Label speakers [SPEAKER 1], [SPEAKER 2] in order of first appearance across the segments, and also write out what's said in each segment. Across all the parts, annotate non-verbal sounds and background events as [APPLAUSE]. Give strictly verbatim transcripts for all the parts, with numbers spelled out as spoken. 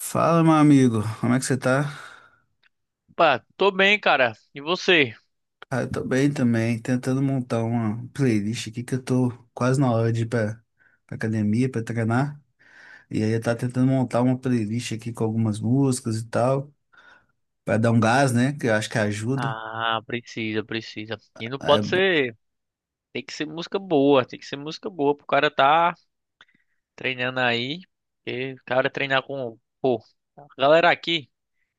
[SPEAKER 1] Fala, meu amigo, como é que você tá?
[SPEAKER 2] Opa, tô bem, cara. E você?
[SPEAKER 1] Ah, eu tô bem também, tentando montar uma playlist aqui que eu tô quase na hora de ir pra, pra academia, pra treinar. E aí eu tava tentando montar uma playlist aqui com algumas músicas e tal, pra dar um gás, né? Que eu acho que ajuda.
[SPEAKER 2] Ah, precisa, precisa. E não
[SPEAKER 1] É.
[SPEAKER 2] pode
[SPEAKER 1] bo-
[SPEAKER 2] ser. Tem que ser música boa, tem que ser música boa pro cara tá treinando aí. Porque o cara treinar com. Pô, a galera aqui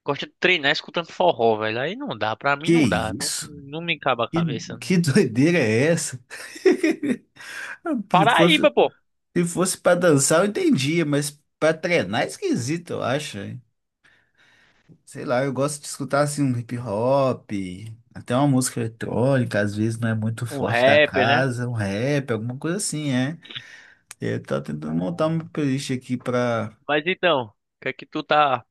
[SPEAKER 2] gosta de treinar escutando forró, velho. Aí não dá, pra mim
[SPEAKER 1] Que
[SPEAKER 2] não dá. Não,
[SPEAKER 1] isso?
[SPEAKER 2] não me cabe a
[SPEAKER 1] Que,
[SPEAKER 2] cabeça, não.
[SPEAKER 1] que [LAUGHS] doideira é essa? [LAUGHS] Se fosse,
[SPEAKER 2] Paraíba, pô.
[SPEAKER 1] se fosse pra dançar, eu entendia, mas pra treinar é esquisito, eu acho. Sei lá, eu gosto de escutar assim um hip hop, até uma música eletrônica, às vezes não é muito
[SPEAKER 2] Um
[SPEAKER 1] forte da
[SPEAKER 2] rapper, né?
[SPEAKER 1] casa, um rap, alguma coisa assim, é. Eu tô tentando montar
[SPEAKER 2] É.
[SPEAKER 1] uma playlist aqui pra.
[SPEAKER 2] Mas então, o que é que tu tá.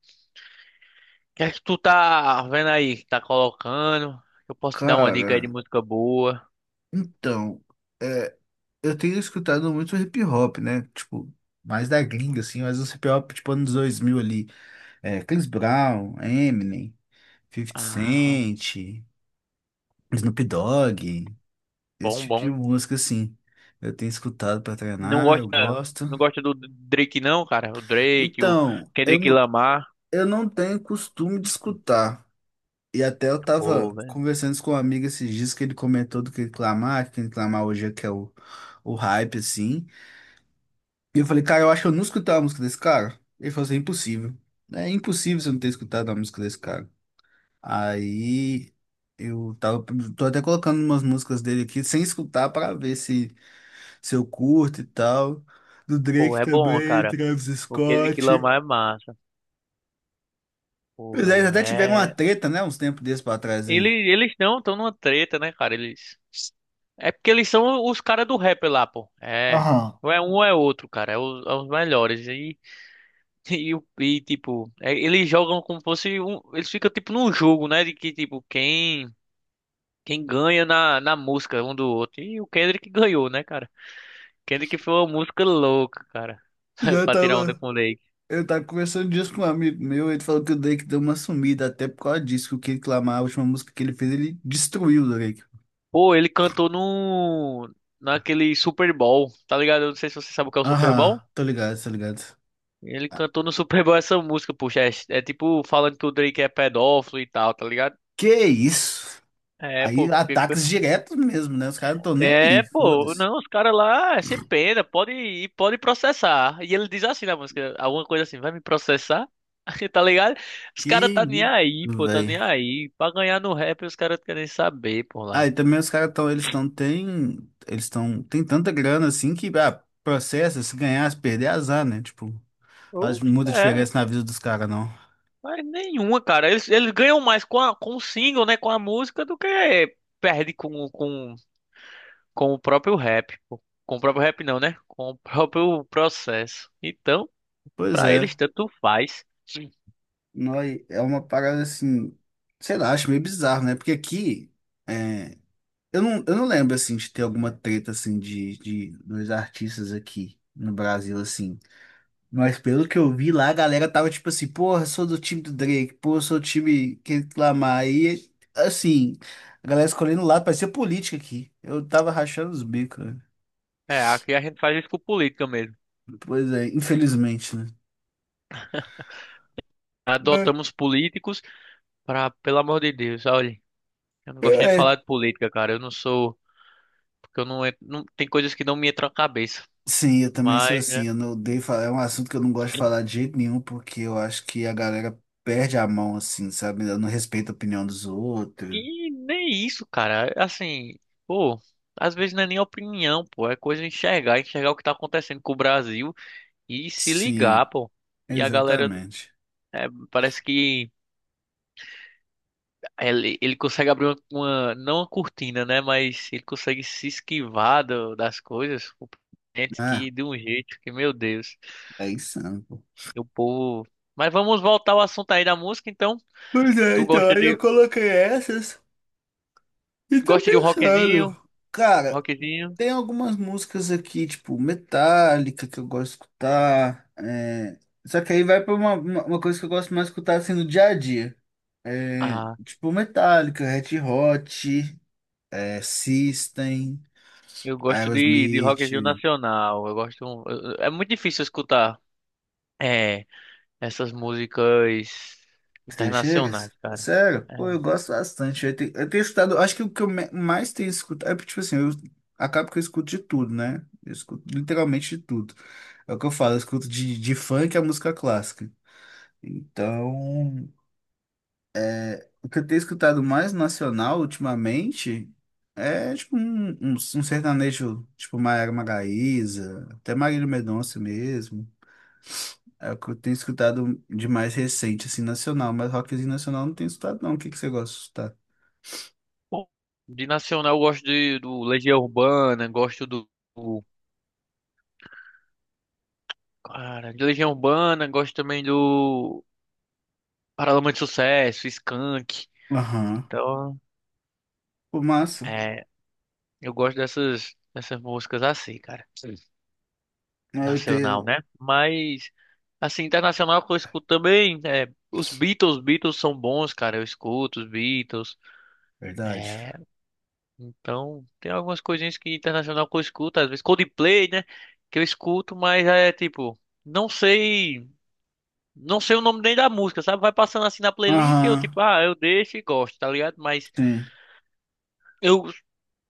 [SPEAKER 2] O que é que tu tá vendo aí? Que tá colocando? Eu posso te dar uma dica aí
[SPEAKER 1] Cara,
[SPEAKER 2] de música boa.
[SPEAKER 1] então, é, eu tenho escutado muito hip hop, né? Tipo, mais da gringa, assim, mas os hip hop tipo anos dois mil ali. É, Chris Brown, Eminem, Fifty
[SPEAKER 2] Ah,
[SPEAKER 1] Cent, Snoop Dogg, esse
[SPEAKER 2] bom,
[SPEAKER 1] tipo de
[SPEAKER 2] bom.
[SPEAKER 1] música assim. Eu tenho escutado pra
[SPEAKER 2] Não
[SPEAKER 1] treinar, eu
[SPEAKER 2] gosta,
[SPEAKER 1] gosto.
[SPEAKER 2] não gosta do Drake não, cara. O Drake, o
[SPEAKER 1] Então, eu
[SPEAKER 2] Kendrick
[SPEAKER 1] não,
[SPEAKER 2] Lamar.
[SPEAKER 1] eu não tenho costume de escutar. E até eu
[SPEAKER 2] Pô,
[SPEAKER 1] tava
[SPEAKER 2] velho.
[SPEAKER 1] conversando isso com um amigo esses dias que ele comentou do que reclamar, que reclamar hoje é que é o, o hype, assim. E eu falei, cara, eu acho que eu não escutei a música desse cara. Ele falou assim, "É impossível. É impossível você não ter escutado a música desse cara. Aí eu tava, tô até colocando umas músicas dele aqui sem escutar pra ver se, se eu curto e tal. Do
[SPEAKER 2] Pô,
[SPEAKER 1] Drake
[SPEAKER 2] é bom,
[SPEAKER 1] também,
[SPEAKER 2] cara.
[SPEAKER 1] Travis
[SPEAKER 2] O Kendrick
[SPEAKER 1] Scott.
[SPEAKER 2] Lamar é massa. Pô,
[SPEAKER 1] Pois é, eles
[SPEAKER 2] velho,
[SPEAKER 1] até tiveram uma
[SPEAKER 2] é.
[SPEAKER 1] treta, né? Uns tempos desses pra trás
[SPEAKER 2] Ele,
[SPEAKER 1] aí.
[SPEAKER 2] eles não estão numa treta, né, cara? Eles. É porque eles são os caras do rap lá, pô. É.
[SPEAKER 1] Aham.
[SPEAKER 2] Ou é um ou é outro, cara. É os, é os melhores. E, [LAUGHS] e, o- e, tipo, é, eles jogam como fosse um. Eles ficam tipo num jogo, né? De que, tipo, quem. Quem ganha na, na música um do outro. E o Kendrick ganhou, né, cara? Kendrick foi uma música louca, cara. [LAUGHS]
[SPEAKER 1] Eu
[SPEAKER 2] Pra tirar onda
[SPEAKER 1] tava,
[SPEAKER 2] com o Drake.
[SPEAKER 1] eu tava conversando disso com um amigo meu, ele falou que o Drake deu uma sumida até por causa disso, que o Kendrick Lamar, a última música que ele fez, ele destruiu o Drake.
[SPEAKER 2] Pô, ele cantou no... Naquele Super Bowl, tá ligado? Eu não sei se você sabe o que é o Super
[SPEAKER 1] Aham,
[SPEAKER 2] Bowl.
[SPEAKER 1] tô ligado, tô ligado.
[SPEAKER 2] Ele cantou no Super Bowl essa música, poxa. É, é tipo falando que o Drake é pedófilo e tal, tá ligado?
[SPEAKER 1] Que isso?
[SPEAKER 2] É,
[SPEAKER 1] Aí
[SPEAKER 2] pô. que-
[SPEAKER 1] ataques diretos mesmo, né? Os caras não estão nem aí,
[SPEAKER 2] É, pô.
[SPEAKER 1] foda-se.
[SPEAKER 2] Não, os caras lá, é sem pena. Pode ir, pode processar. E ele diz assim na música, alguma coisa assim, vai me processar? [LAUGHS] Tá ligado? Os
[SPEAKER 1] Que
[SPEAKER 2] caras tá nem
[SPEAKER 1] isso,
[SPEAKER 2] aí, pô. Tá
[SPEAKER 1] velho.
[SPEAKER 2] nem aí. Pra ganhar no rap, os caras querem saber, pô,
[SPEAKER 1] Ah,
[SPEAKER 2] lá.
[SPEAKER 1] e também os caras estão, eles estão, tem, eles estão, tem tanta grana assim que, ah, processa, se ganhar, se perder, azar, né? Tipo. Faz
[SPEAKER 2] Ou-
[SPEAKER 1] muita
[SPEAKER 2] É,
[SPEAKER 1] diferença na vida dos caras, não.
[SPEAKER 2] mas nenhuma, cara. Eles, eles ganham mais com, a, com o single, né? Com a música do que perde com, com, com o próprio rap. Pô. Com o próprio rap, não, né? Com o próprio processo. Então,
[SPEAKER 1] Pois
[SPEAKER 2] pra
[SPEAKER 1] é.
[SPEAKER 2] eles, tanto faz. Sim.
[SPEAKER 1] Noi, é uma parada assim, sei lá, acho meio bizarro, né? Porque aqui, é, eu não, eu não lembro, assim, de ter alguma treta, assim, de, de dos artistas aqui no Brasil, assim. Mas pelo que eu vi lá, a galera tava tipo assim, porra, sou do time do Drake, porra, sou do time que reclamar. Aí, assim, a galera escolhendo o lado, parecia política aqui. Eu tava rachando os bicos, né?
[SPEAKER 2] É, aqui a gente faz isso com política mesmo.
[SPEAKER 1] Pois é, infelizmente, né?
[SPEAKER 2] Adotamos políticos pra, pelo amor de Deus, olha. Eu não
[SPEAKER 1] É,
[SPEAKER 2] gosto nem de falar
[SPEAKER 1] é,
[SPEAKER 2] de política, cara. Eu não sou. Porque eu não. En- não tem coisas que não me entram na cabeça.
[SPEAKER 1] sim, eu também sou
[SPEAKER 2] Mas, né?
[SPEAKER 1] assim. Eu não odeio falar. É um assunto que eu não gosto de falar de jeito nenhum, porque eu acho que a galera perde a mão, assim, sabe? Eu não respeito a opinião dos outros.
[SPEAKER 2] E nem isso, cara. Assim, pô, às vezes não é nem opinião, pô. É coisa de enxergar, enxergar o que tá acontecendo com o Brasil e se
[SPEAKER 1] Sim,
[SPEAKER 2] ligar, pô. E a galera,
[SPEAKER 1] exatamente.
[SPEAKER 2] é, parece que ele, ele consegue abrir uma, uma- não uma cortina, né? Mas ele consegue se esquivar do- das coisas. O presidente,
[SPEAKER 1] Ah,
[SPEAKER 2] que de um jeito que, meu Deus,
[SPEAKER 1] é insano, pô.
[SPEAKER 2] o povo. Mas vamos voltar ao assunto aí da música, então.
[SPEAKER 1] Pois é,
[SPEAKER 2] Tu
[SPEAKER 1] então,
[SPEAKER 2] gosta
[SPEAKER 1] aí eu
[SPEAKER 2] de,
[SPEAKER 1] coloquei essas e tô
[SPEAKER 2] gosta de um rockzinho?
[SPEAKER 1] pensando. Cara,
[SPEAKER 2] Rockzinho?
[SPEAKER 1] tem algumas músicas aqui, tipo Metallica, que eu gosto de escutar. É, só que aí vai pra uma, uma uma coisa que eu gosto mais de escutar assim no dia a dia. É,
[SPEAKER 2] Ah,
[SPEAKER 1] tipo Metallica, Red Hot, é, System,
[SPEAKER 2] eu gosto de, de
[SPEAKER 1] Aerosmith.
[SPEAKER 2] rockzinho nacional. Eu gosto. eu- É muito difícil escutar é, essas músicas
[SPEAKER 1] Você chega?
[SPEAKER 2] internacionais, cara.
[SPEAKER 1] Sério?
[SPEAKER 2] É.
[SPEAKER 1] Pô, eu gosto bastante. Eu tenho, eu tenho escutado, acho que o que eu me- mais tenho escutado é porque, tipo assim, eu acabo que eu escuto de tudo, né? Eu escuto literalmente de tudo. É o que eu falo, eu escuto de, de funk a música clássica. Então. O que eu tenho escutado mais nacional ultimamente é tipo um, um, um sertanejo, tipo Maiara Maraíza, até Marília Mendonça mesmo. É o que eu tenho escutado de mais recente, assim, nacional, mas rockzinho nacional eu não tenho escutado não. O que que você gosta de escutar?
[SPEAKER 2] Bom, de nacional eu gosto de, do Legião Urbana, gosto do, do- cara, de Legião Urbana, gosto também do Paralamas de Sucesso, Skank.
[SPEAKER 1] Aham.
[SPEAKER 2] Então,
[SPEAKER 1] Pô, massa.
[SPEAKER 2] é, eu gosto dessas dessas músicas assim, cara.
[SPEAKER 1] Ah, eu
[SPEAKER 2] Nacional,
[SPEAKER 1] tenho.
[SPEAKER 2] né? Mas, assim, internacional que eu escuto também, é, os Beatles, Beatles são bons, cara, eu escuto os Beatles,
[SPEAKER 1] Verdade.
[SPEAKER 2] é, então, tem algumas coisinhas que internacional que eu escuto, às vezes Coldplay, né, que eu escuto, mas é, tipo, não sei, não sei o nome nem da música, sabe? Vai passando assim na playlist e eu,
[SPEAKER 1] Aham,
[SPEAKER 2] tipo, ah, eu deixo e gosto, tá ligado? Mas
[SPEAKER 1] sim.
[SPEAKER 2] eu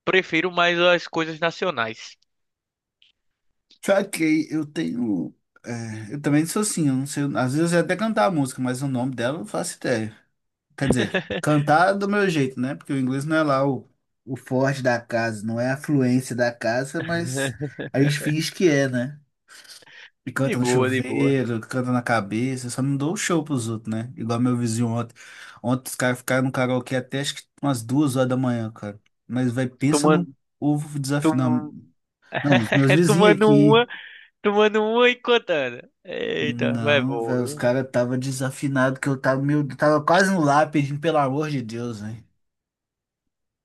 [SPEAKER 2] prefiro mais as coisas nacionais.
[SPEAKER 1] Sabe que eu tenho. É, eu também sou assim, eu não sei. Às vezes eu sei até cantar a música, mas o nome dela eu não faço ideia. Quer dizer,
[SPEAKER 2] [LAUGHS]
[SPEAKER 1] cantar do meu jeito, né? Porque o inglês não é lá o, o forte da casa, não é a fluência da casa, mas a gente finge que é, né? E
[SPEAKER 2] De
[SPEAKER 1] canta no
[SPEAKER 2] boa, de boa.
[SPEAKER 1] chuveiro, canta na cabeça, só não dou o show pros outros, né? Igual meu vizinho ontem. Ontem os caras ficaram no karaokê até acho que umas duas horas da manhã, cara. Mas, vai, pensa num
[SPEAKER 2] Tomando,
[SPEAKER 1] povo desafinado.
[SPEAKER 2] tom-
[SPEAKER 1] Não, os meus
[SPEAKER 2] [LAUGHS]
[SPEAKER 1] vizinhos
[SPEAKER 2] tomando
[SPEAKER 1] aqui.
[SPEAKER 2] uma. Tomando uma e contando. Eita, vai
[SPEAKER 1] Não,
[SPEAKER 2] bom,
[SPEAKER 1] velho, os
[SPEAKER 2] viu?
[SPEAKER 1] caras tava desafinado que eu tava, meu, tava quase no lá pedindo pelo amor de Deus, velho.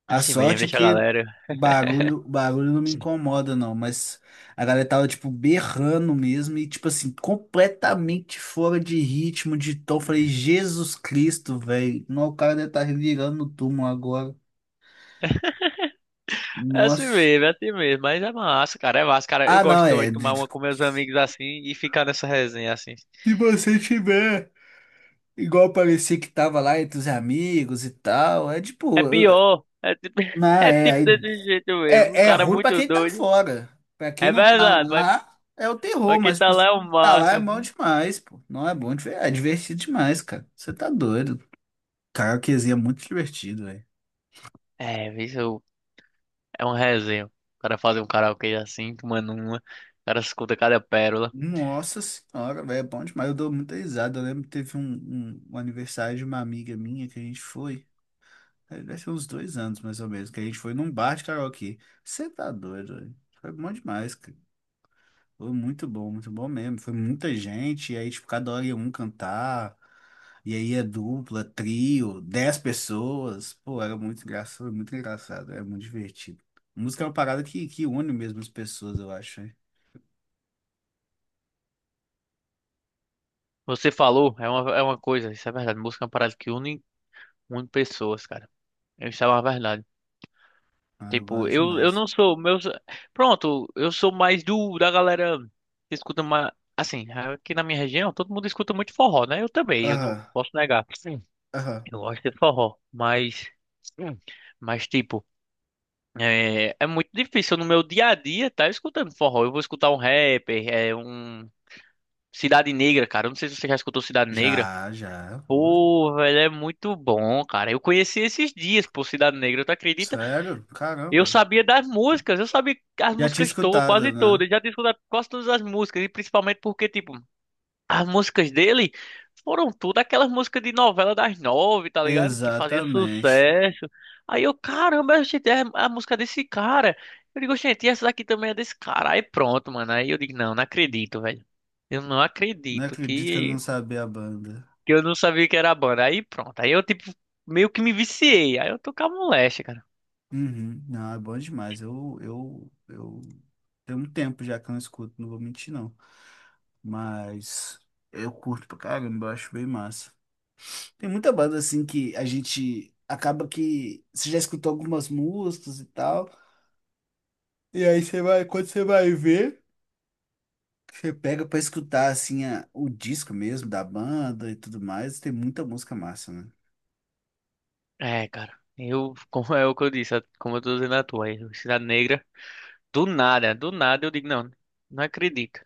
[SPEAKER 1] A
[SPEAKER 2] Assim mesmo,
[SPEAKER 1] sorte é
[SPEAKER 2] deixa a
[SPEAKER 1] que
[SPEAKER 2] galera. É
[SPEAKER 1] barulho, barulho não me incomoda, não. Mas a galera tava, tipo, berrando mesmo e, tipo assim, completamente fora de ritmo, de tom. Falei, Jesus Cristo, velho. Não, o cara deve estar virando no túmulo agora.
[SPEAKER 2] assim
[SPEAKER 1] Nossa.
[SPEAKER 2] mesmo, é assim mesmo. Mas é massa, cara. É massa, cara. Eu
[SPEAKER 1] Ah, não,
[SPEAKER 2] gosto também
[SPEAKER 1] é.
[SPEAKER 2] de tomar
[SPEAKER 1] de-
[SPEAKER 2] uma com meus amigos assim e ficar nessa resenha assim.
[SPEAKER 1] Se você tiver, igual parecia que tava lá entre os amigos e tal, é
[SPEAKER 2] É
[SPEAKER 1] tipo. eu-
[SPEAKER 2] pior. É tipo,
[SPEAKER 1] Não,
[SPEAKER 2] [LAUGHS] é
[SPEAKER 1] é.
[SPEAKER 2] tipo
[SPEAKER 1] Aí
[SPEAKER 2] desse jeito mesmo. O
[SPEAKER 1] É, é
[SPEAKER 2] cara é
[SPEAKER 1] ruim pra
[SPEAKER 2] muito
[SPEAKER 1] quem tá
[SPEAKER 2] doido.
[SPEAKER 1] fora. Pra quem
[SPEAKER 2] É
[SPEAKER 1] não tá
[SPEAKER 2] verdade, mas,
[SPEAKER 1] lá, é o terror,
[SPEAKER 2] mas quem
[SPEAKER 1] mas
[SPEAKER 2] tá
[SPEAKER 1] pra você
[SPEAKER 2] lá é o
[SPEAKER 1] que tá lá é bom
[SPEAKER 2] máximo.
[SPEAKER 1] demais, pô. Não é bom, de ver- é divertido demais, cara. Você tá doido. Karaokezinho é muito divertido, velho.
[SPEAKER 2] É, isso é um resenha. O cara fazer um karaokê assim, tomando uma. O cara escuta cada pérola.
[SPEAKER 1] Nossa senhora, velho, é bom demais. Eu dou muita risada. Eu lembro que teve um, um- um aniversário de uma amiga minha que a gente foi. eh, Deve ser uns dois anos, mais ou menos, que a gente foi num bar de karaokê. Você tá doido, velho. Foi bom demais, cara. Foi muito bom, muito bom mesmo. Foi muita gente, e aí, tipo, cada hora ia um cantar, e aí é dupla, trio, dez pessoas. Pô, era muito engraçado, foi muito engraçado, era muito divertido. Música é uma parada que, que une mesmo as pessoas, eu acho, hein?
[SPEAKER 2] Você falou, é uma, é uma coisa, isso é verdade. Música é uma parada que une, une pessoas, cara. Isso é uma verdade.
[SPEAKER 1] Ah, eu
[SPEAKER 2] Tipo,
[SPEAKER 1] gosto
[SPEAKER 2] eu, eu
[SPEAKER 1] demais.
[SPEAKER 2] não sou. Meus... Pronto, eu sou mais do da galera que escuta mais. Assim, aqui na minha região, todo mundo escuta muito forró, né? Eu também, eu não
[SPEAKER 1] Aham,
[SPEAKER 2] posso negar.
[SPEAKER 1] aham.
[SPEAKER 2] Eu gosto de forró, mas. Hum. Mas, tipo, é, é muito difícil no meu dia a dia tá escutando forró. Eu vou escutar um rapper, é um. Cidade Negra, cara. Eu não sei se você já escutou Cidade Negra.
[SPEAKER 1] Já, já, pô.
[SPEAKER 2] Pô, velho, é muito bom, cara. Eu conheci esses dias, pô, Cidade Negra, tu acredita?
[SPEAKER 1] Sério?
[SPEAKER 2] Eu
[SPEAKER 1] Caramba.
[SPEAKER 2] sabia das músicas, eu sabia as
[SPEAKER 1] Já tinha
[SPEAKER 2] músicas todas,
[SPEAKER 1] escutado,
[SPEAKER 2] quase
[SPEAKER 1] né?
[SPEAKER 2] todas, já tinha escutado quase todas as músicas, e principalmente porque, tipo, as músicas dele foram tudo aquelas músicas de novela das nove, tá ligado? Que fazia
[SPEAKER 1] Exatamente.
[SPEAKER 2] sucesso. Aí eu, caramba, gente, é a música desse cara. Eu digo, gente, e essa daqui também é desse cara. Aí pronto, mano, aí eu digo, não, não acredito, velho. Eu não
[SPEAKER 1] Não
[SPEAKER 2] acredito
[SPEAKER 1] acredito que eu
[SPEAKER 2] que,
[SPEAKER 1] não sabia a banda.
[SPEAKER 2] que eu não sabia que era a banda. Aí pronto, aí eu, tipo, meio que me viciei, aí eu tocava moléstia.
[SPEAKER 1] Uhum. Não, é bom demais. Eu, eu, eu tem um tempo já que eu não escuto, não vou mentir não. Mas eu curto pra caramba, eu acho bem massa. Tem muita banda assim que a gente acaba que você já escutou algumas músicas e tal. E aí você vai, quando você vai ver, você pega pra escutar assim a- o disco mesmo da banda e tudo mais. Tem muita música massa, né?
[SPEAKER 2] É, cara. Eu, [LAUGHS] como é o que eu disse, como eu tô dizendo a tua aí, Cidade Negra. Do nada, do nada eu digo, não, não acredito.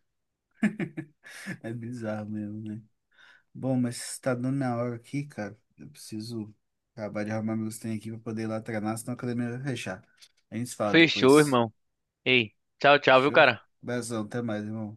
[SPEAKER 1] [LAUGHS] É bizarro mesmo, né? Bom, mas tá dando na hora aqui, cara. Eu preciso acabar de arrumar meus trem aqui pra poder ir lá treinar, senão a academia vai fechar. A gente se fala
[SPEAKER 2] Fechou,
[SPEAKER 1] depois.
[SPEAKER 2] irmão. Ei, tchau, tchau, viu,
[SPEAKER 1] Fechou?
[SPEAKER 2] cara?
[SPEAKER 1] Beijão, até mais, irmão.